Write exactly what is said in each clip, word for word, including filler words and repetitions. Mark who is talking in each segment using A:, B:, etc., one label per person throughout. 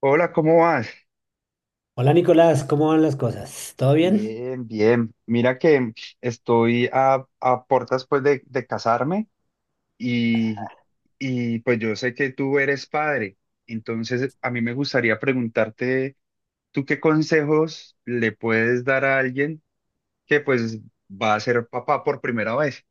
A: Hola, ¿cómo vas?
B: Hola Nicolás, ¿cómo van las cosas? ¿Todo bien?
A: Bien, bien. Mira que estoy a, a puertas pues de, de casarme, y, y pues yo sé que tú eres padre, entonces a mí me gustaría preguntarte, ¿tú qué consejos le puedes dar a alguien que pues va a ser papá por primera vez?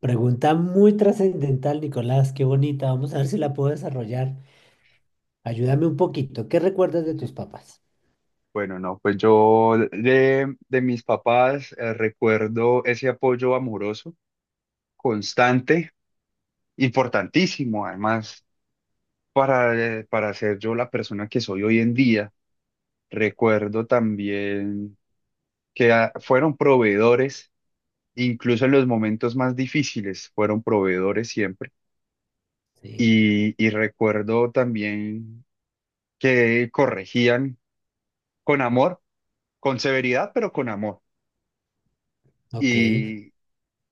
B: Pregunta muy trascendental, Nicolás, qué bonita. Vamos a ver si la puedo desarrollar. Ayúdame un poquito. ¿Qué recuerdas de tus
A: Sí.
B: papás?
A: Bueno, no, pues yo de, de mis papás eh, recuerdo ese apoyo amoroso, constante, importantísimo además para, eh, para ser yo la persona que soy hoy en día. Recuerdo también que ah, fueron proveedores, incluso en los momentos más difíciles, fueron proveedores siempre.
B: Sí,
A: Y, y recuerdo también que corregían con amor, con severidad, pero con amor.
B: ok,
A: Y,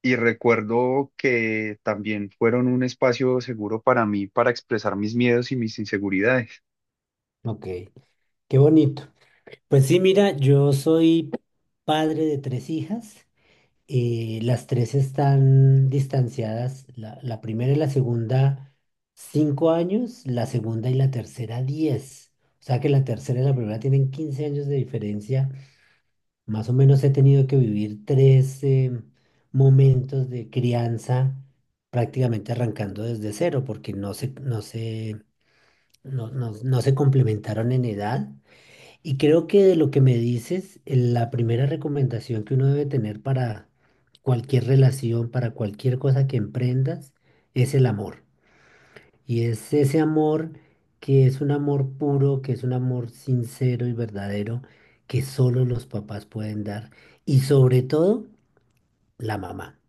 A: y recuerdo que también fueron un espacio seguro para mí, para expresar mis miedos y mis inseguridades.
B: ok. Qué bonito. Pues sí, mira, yo soy padre de tres hijas. Eh, las tres están distanciadas. La, la primera y la segunda, cinco años. La segunda y la tercera, diez. O sea que la tercera y la primera tienen quince años de diferencia. Más o menos he tenido que vivir tres em, momentos de crianza prácticamente arrancando desde cero porque no se, no se, no, no- no se complementaron en edad. Y creo que de lo que me dices, eh, la primera recomendación que uno debe tener para cualquier relación, para cualquier cosa que emprendas, es el amor. Y es ese amor que es un amor puro, que es un amor sincero y verdadero, que solo los papás pueden dar. Y sobre todo, la mamá.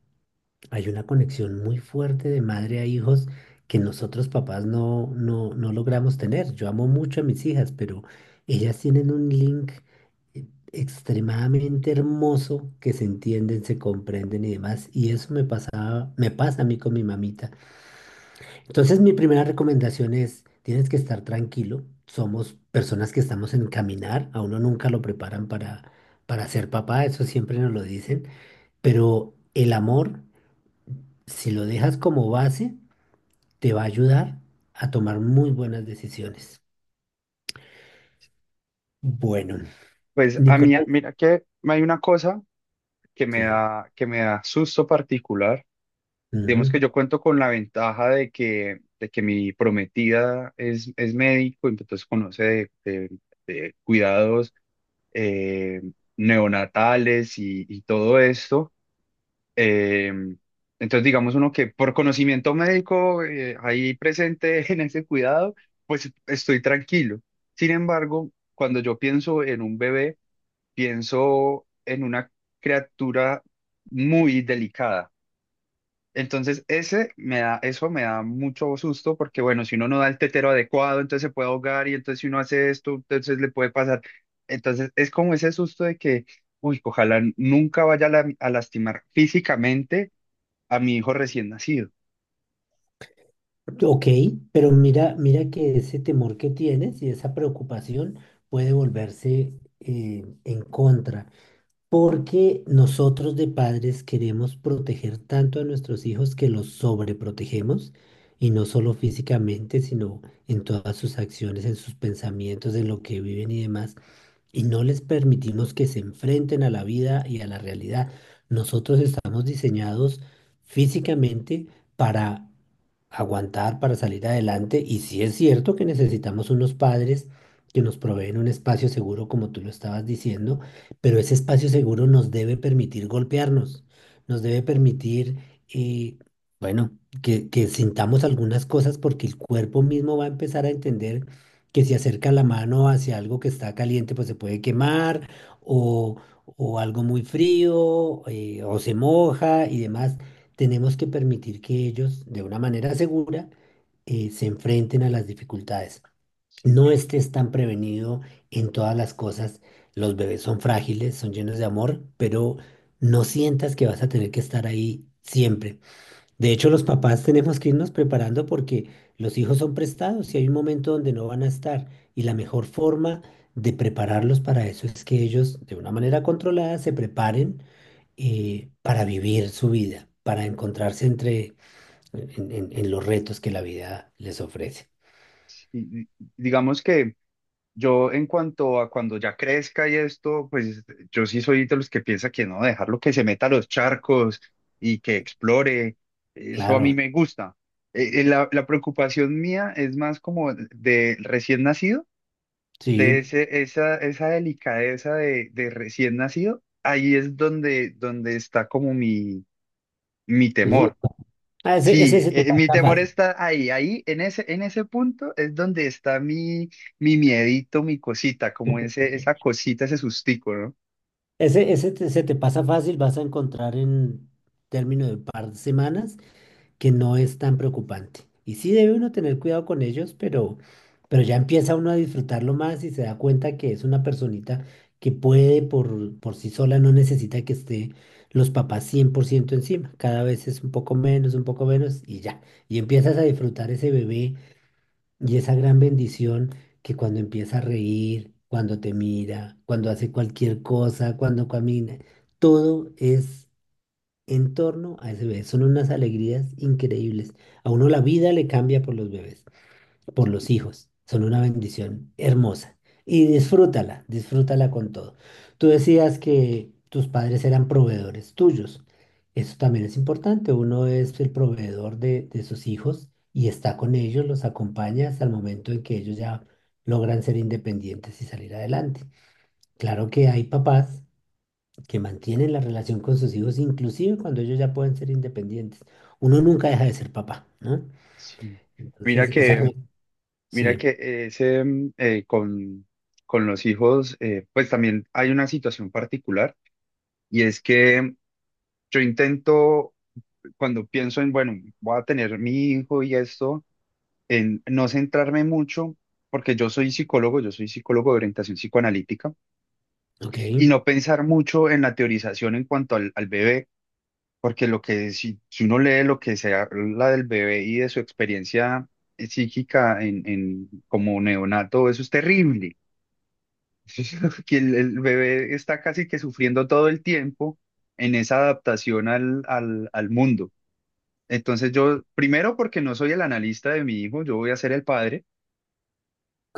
B: Hay una conexión muy fuerte de madre a hijos que nosotros papás no, no, no logramos tener. Yo amo mucho a mis hijas, pero ellas tienen un link eh, extremadamente hermoso que se entienden, se comprenden y demás. Y eso me pasaba, me pasa a mí con mi mamita. Entonces, mi primera recomendación es, tienes que estar tranquilo. Somos personas que estamos en caminar, a uno nunca lo preparan para, para ser papá, eso siempre nos lo dicen, pero el amor, si lo dejas como base, te va a ayudar a tomar muy buenas decisiones. Bueno,
A: Pues a mí,
B: Nicolás,
A: mira que hay una cosa que me
B: sí,
A: da, que me da susto particular. Digamos que
B: ujú.
A: yo cuento con la ventaja de que, de que mi prometida es, es médico, entonces conoce de, de- de cuidados eh, neonatales y, y todo esto. Eh, entonces, digamos uno que por conocimiento médico eh, ahí presente en ese cuidado, pues estoy tranquilo. Sin embargo, cuando yo pienso en un bebé, pienso en una criatura muy delicada. Entonces, ese me da, eso me da mucho susto porque, bueno, si uno no da el tetero adecuado, entonces se puede ahogar y entonces si uno hace esto, entonces le puede pasar. Entonces, es como ese susto de que, uy, ojalá nunca vaya a, la- a lastimar físicamente a mi hijo recién nacido.
B: Ok, pero mira, mira que ese temor que tienes y esa preocupación puede volverse eh, en contra. Porque nosotros de padres queremos proteger tanto a nuestros hijos que los sobreprotegemos, y no solo físicamente, sino en todas sus acciones, en sus pensamientos, en lo que viven y demás y no les permitimos que se enfrenten a la vida y a la realidad. Nosotros estamos diseñados físicamente para aguantar, para salir adelante y sí es cierto que necesitamos unos padres que nos proveen un espacio seguro, como tú lo estabas diciendo, pero ese espacio seguro nos debe permitir golpearnos, nos debe permitir... eh, bueno, que, que sintamos algunas cosas porque el cuerpo mismo va a empezar a entender que si acerca la mano hacia algo que está caliente, pues se puede quemar, o, o algo muy frío, eh, o se moja y demás. Tenemos que permitir que ellos, de una manera segura, eh, se enfrenten a las dificultades.
A: Sí,
B: No estés tan prevenido en todas las cosas. Los bebés son frágiles, son llenos de amor, pero no sientas que vas a tener que estar ahí siempre. De hecho, los papás tenemos que irnos preparando porque los hijos son prestados y hay un momento donde no van a estar. Y la mejor forma de prepararlos para eso es que ellos, de una manera controlada, se preparen eh, para vivir su vida, para encontrarse entre, en, en- en los retos que la vida les ofrece.
A: sí. Digamos que... Yo en cuanto a cuando ya crezca y esto, pues yo sí soy de los que piensa que no, dejarlo que se meta a los charcos y que explore, eso a mí
B: Claro,
A: me gusta. Eh, eh, la, la preocupación mía es más como de recién nacido,
B: sí.
A: de ese, esa, esa delicadeza de, de recién nacido, ahí es donde, donde está como mi, mi
B: Entonces,
A: temor.
B: ah, ese,
A: Sí,
B: ese se te
A: eh, mi
B: pasa
A: temor
B: fácil.
A: está ahí, ahí, en ese, en ese punto es donde está mi, mi miedito, mi cosita, como ese, esa cosita, ese sustico, ¿no?
B: Ese, ese te- se te pasa fácil, vas a encontrar en término de un par de semanas que no es tan preocupante. Y sí debe uno tener cuidado con ellos, pero, pero ya empieza uno a disfrutarlo más y se da cuenta que es una personita que puede por, por sí sola, no necesita que esté los papás cien por ciento encima. Cada vez es un poco menos, un poco menos y ya. Y empiezas a disfrutar ese bebé y esa gran bendición que cuando empieza a reír, cuando te mira, cuando hace cualquier cosa, cuando camina, todo es en torno a ese bebé. Son unas alegrías increíbles. A uno la vida le cambia por los bebés, por los hijos. Son una bendición hermosa. Y disfrútala, disfrútala con todo. Tú decías que tus padres eran proveedores tuyos. Eso también es importante. Uno es el proveedor de, de sus hijos y está con ellos, los acompaña hasta el momento en que ellos ya logran ser independientes y salir adelante. Claro que hay papás que mantienen la relación con sus hijos, inclusive cuando ellos ya pueden ser independientes. Uno nunca deja de ser papá, ¿no?
A: Sí. Mira
B: Entonces, esa... Ujú.
A: que,
B: re-
A: mira
B: Sí,
A: que ese, mm, eh, con, con los hijos, eh, pues también hay una situación particular y es que yo intento, cuando pienso en, bueno, voy a tener mi hijo y esto, en no centrarme mucho, porque yo soy psicólogo, yo soy psicólogo de orientación psicoanalítica.
B: ok,
A: Y no pensar mucho en la teorización en cuanto al, al bebé, porque lo que si, si uno lee lo que se habla del bebé y de su experiencia psíquica en, en como neonato, eso es terrible. Que el, el bebé está casi que sufriendo todo el tiempo en esa adaptación al, al, al mundo. Entonces yo, primero porque no soy el analista de mi hijo, yo voy a ser el padre.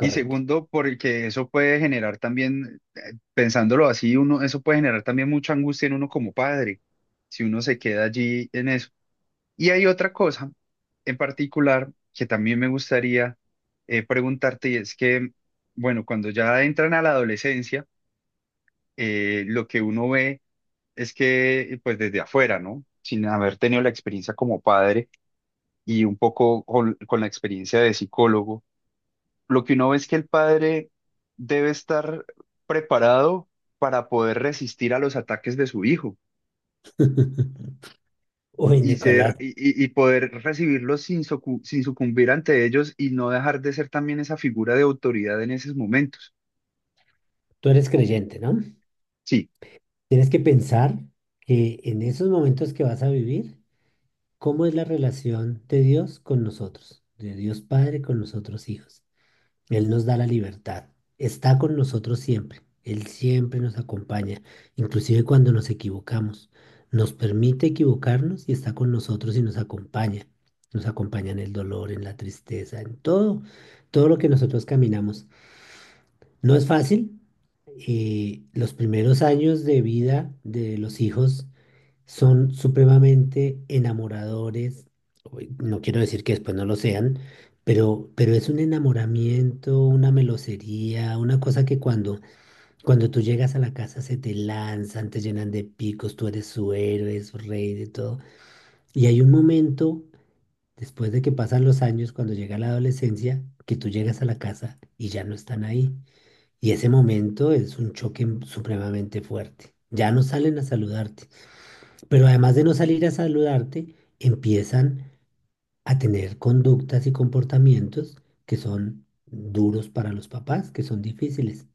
A: Y segundo, porque eso puede generar también, eh, pensándolo así, uno, eso puede generar también mucha angustia en uno como padre, si uno se queda allí en eso. Y hay otra cosa en particular que también me gustaría eh, preguntarte, y es que, bueno, cuando ya entran a la adolescencia, eh, lo que uno ve es que, pues desde afuera, ¿no? Sin haber tenido la experiencia como padre y un poco con con la experiencia de psicólogo, lo que uno ve es que el padre debe estar preparado para poder resistir a los ataques de su hijo
B: Uy,
A: y
B: Nicolás,
A: ser y, y- y poder recibirlos sin, socu- sin sucumbir ante ellos y no dejar de ser también esa figura de autoridad en esos momentos.
B: tú eres creyente, ¿no?
A: Sí,
B: Tienes que pensar que en esos momentos que vas a vivir, ¿cómo es la relación de Dios con nosotros? De Dios Padre con nosotros hijos. Él nos da la libertad. Está con nosotros siempre. Él siempre nos acompaña, inclusive cuando nos equivocamos. Nos permite equivocarnos y está con nosotros y nos acompaña. Nos acompaña en el dolor, en la tristeza, en todo, todo lo que nosotros caminamos. No es fácil. Eh, los primeros años de vida de los hijos son supremamente enamoradores. Uy, no quiero decir que después no lo sean, pero, pero es un enamoramiento, una melosería, una cosa que cuando, cuando tú llegas a la casa se te lanzan, te llenan de picos, tú eres su héroe, su rey, de todo. Y hay un momento, después de que pasan los años, cuando llega la adolescencia, que tú llegas a la casa y ya no están ahí. Y ese momento es un choque supremamente fuerte. Ya no salen a saludarte. Pero además de no salir a saludarte, empiezan a tener conductas y comportamientos que son duros para los papás, que son difíciles.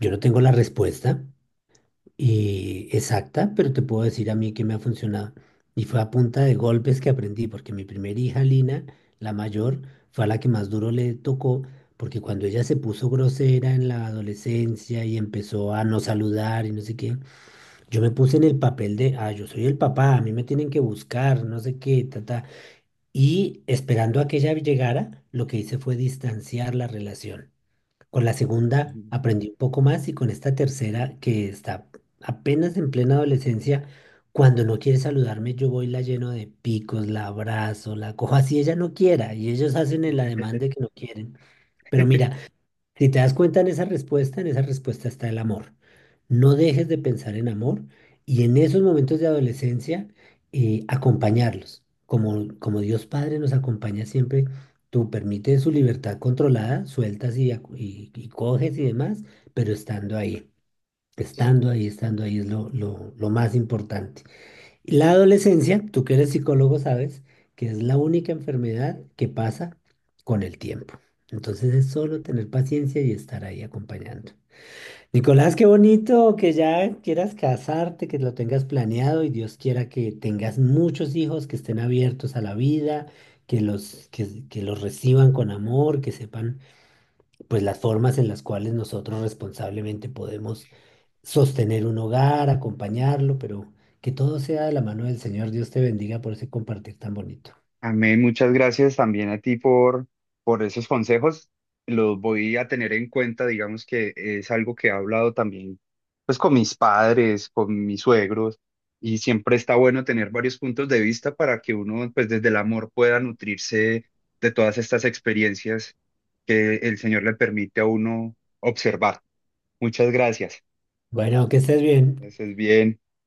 B: Yo no tengo la respuesta y exacta, pero te puedo decir a mí que me ha funcionado. Y fue a punta de golpes que aprendí, porque mi primera hija, Lina, la mayor, fue a la que más duro le tocó, porque cuando ella se puso grosera en la adolescencia y empezó a no saludar y no sé qué, yo me puse en el papel de, ah, yo soy el papá, a mí me tienen que buscar, no sé qué, ta, ta. Y esperando a que ella llegara, lo que hice fue distanciar la relación. Con la segunda aprendí un poco más y con esta tercera, que está apenas en plena adolescencia, cuando no quiere saludarme, yo voy y la lleno de picos, la abrazo, la cojo así ella no quiera y ellos hacen el ademán de que no quieren. Pero mira, si te das cuenta en esa respuesta, en esa respuesta está el amor. No dejes de pensar en amor y en esos momentos de adolescencia eh, acompañarlos. Como, como Dios Padre nos acompaña siempre, tú permites su libertad controlada, sueltas y, acu- y- y coges y demás, pero estando ahí, estando ahí, estando ahí es lo, lo, lo más importante. La adolescencia, tú que eres psicólogo sabes que es la única enfermedad que pasa con el tiempo. Entonces es solo tener paciencia y estar ahí acompañando. Nicolás, qué bonito que ya quieras casarte, que lo tengas planeado y Dios quiera que tengas muchos hijos que estén abiertos a la vida, que los, que, que los reciban con amor, que sepan pues las formas en las cuales nosotros responsablemente podemos sostener un hogar, acompañarlo, pero que todo sea de la mano del Señor. Dios te bendiga por ese compartir tan bonito.
A: amén, muchas gracias también a ti por, por esos consejos. Los voy a tener en cuenta, digamos que es algo que he hablado también pues con mis padres, con mis suegros, y siempre está bueno tener varios puntos de vista para que uno pues desde el amor pueda nutrirse de todas estas experiencias que el Señor le permite a uno observar. Muchas gracias.
B: Bueno, que estés bien.
A: Es bien.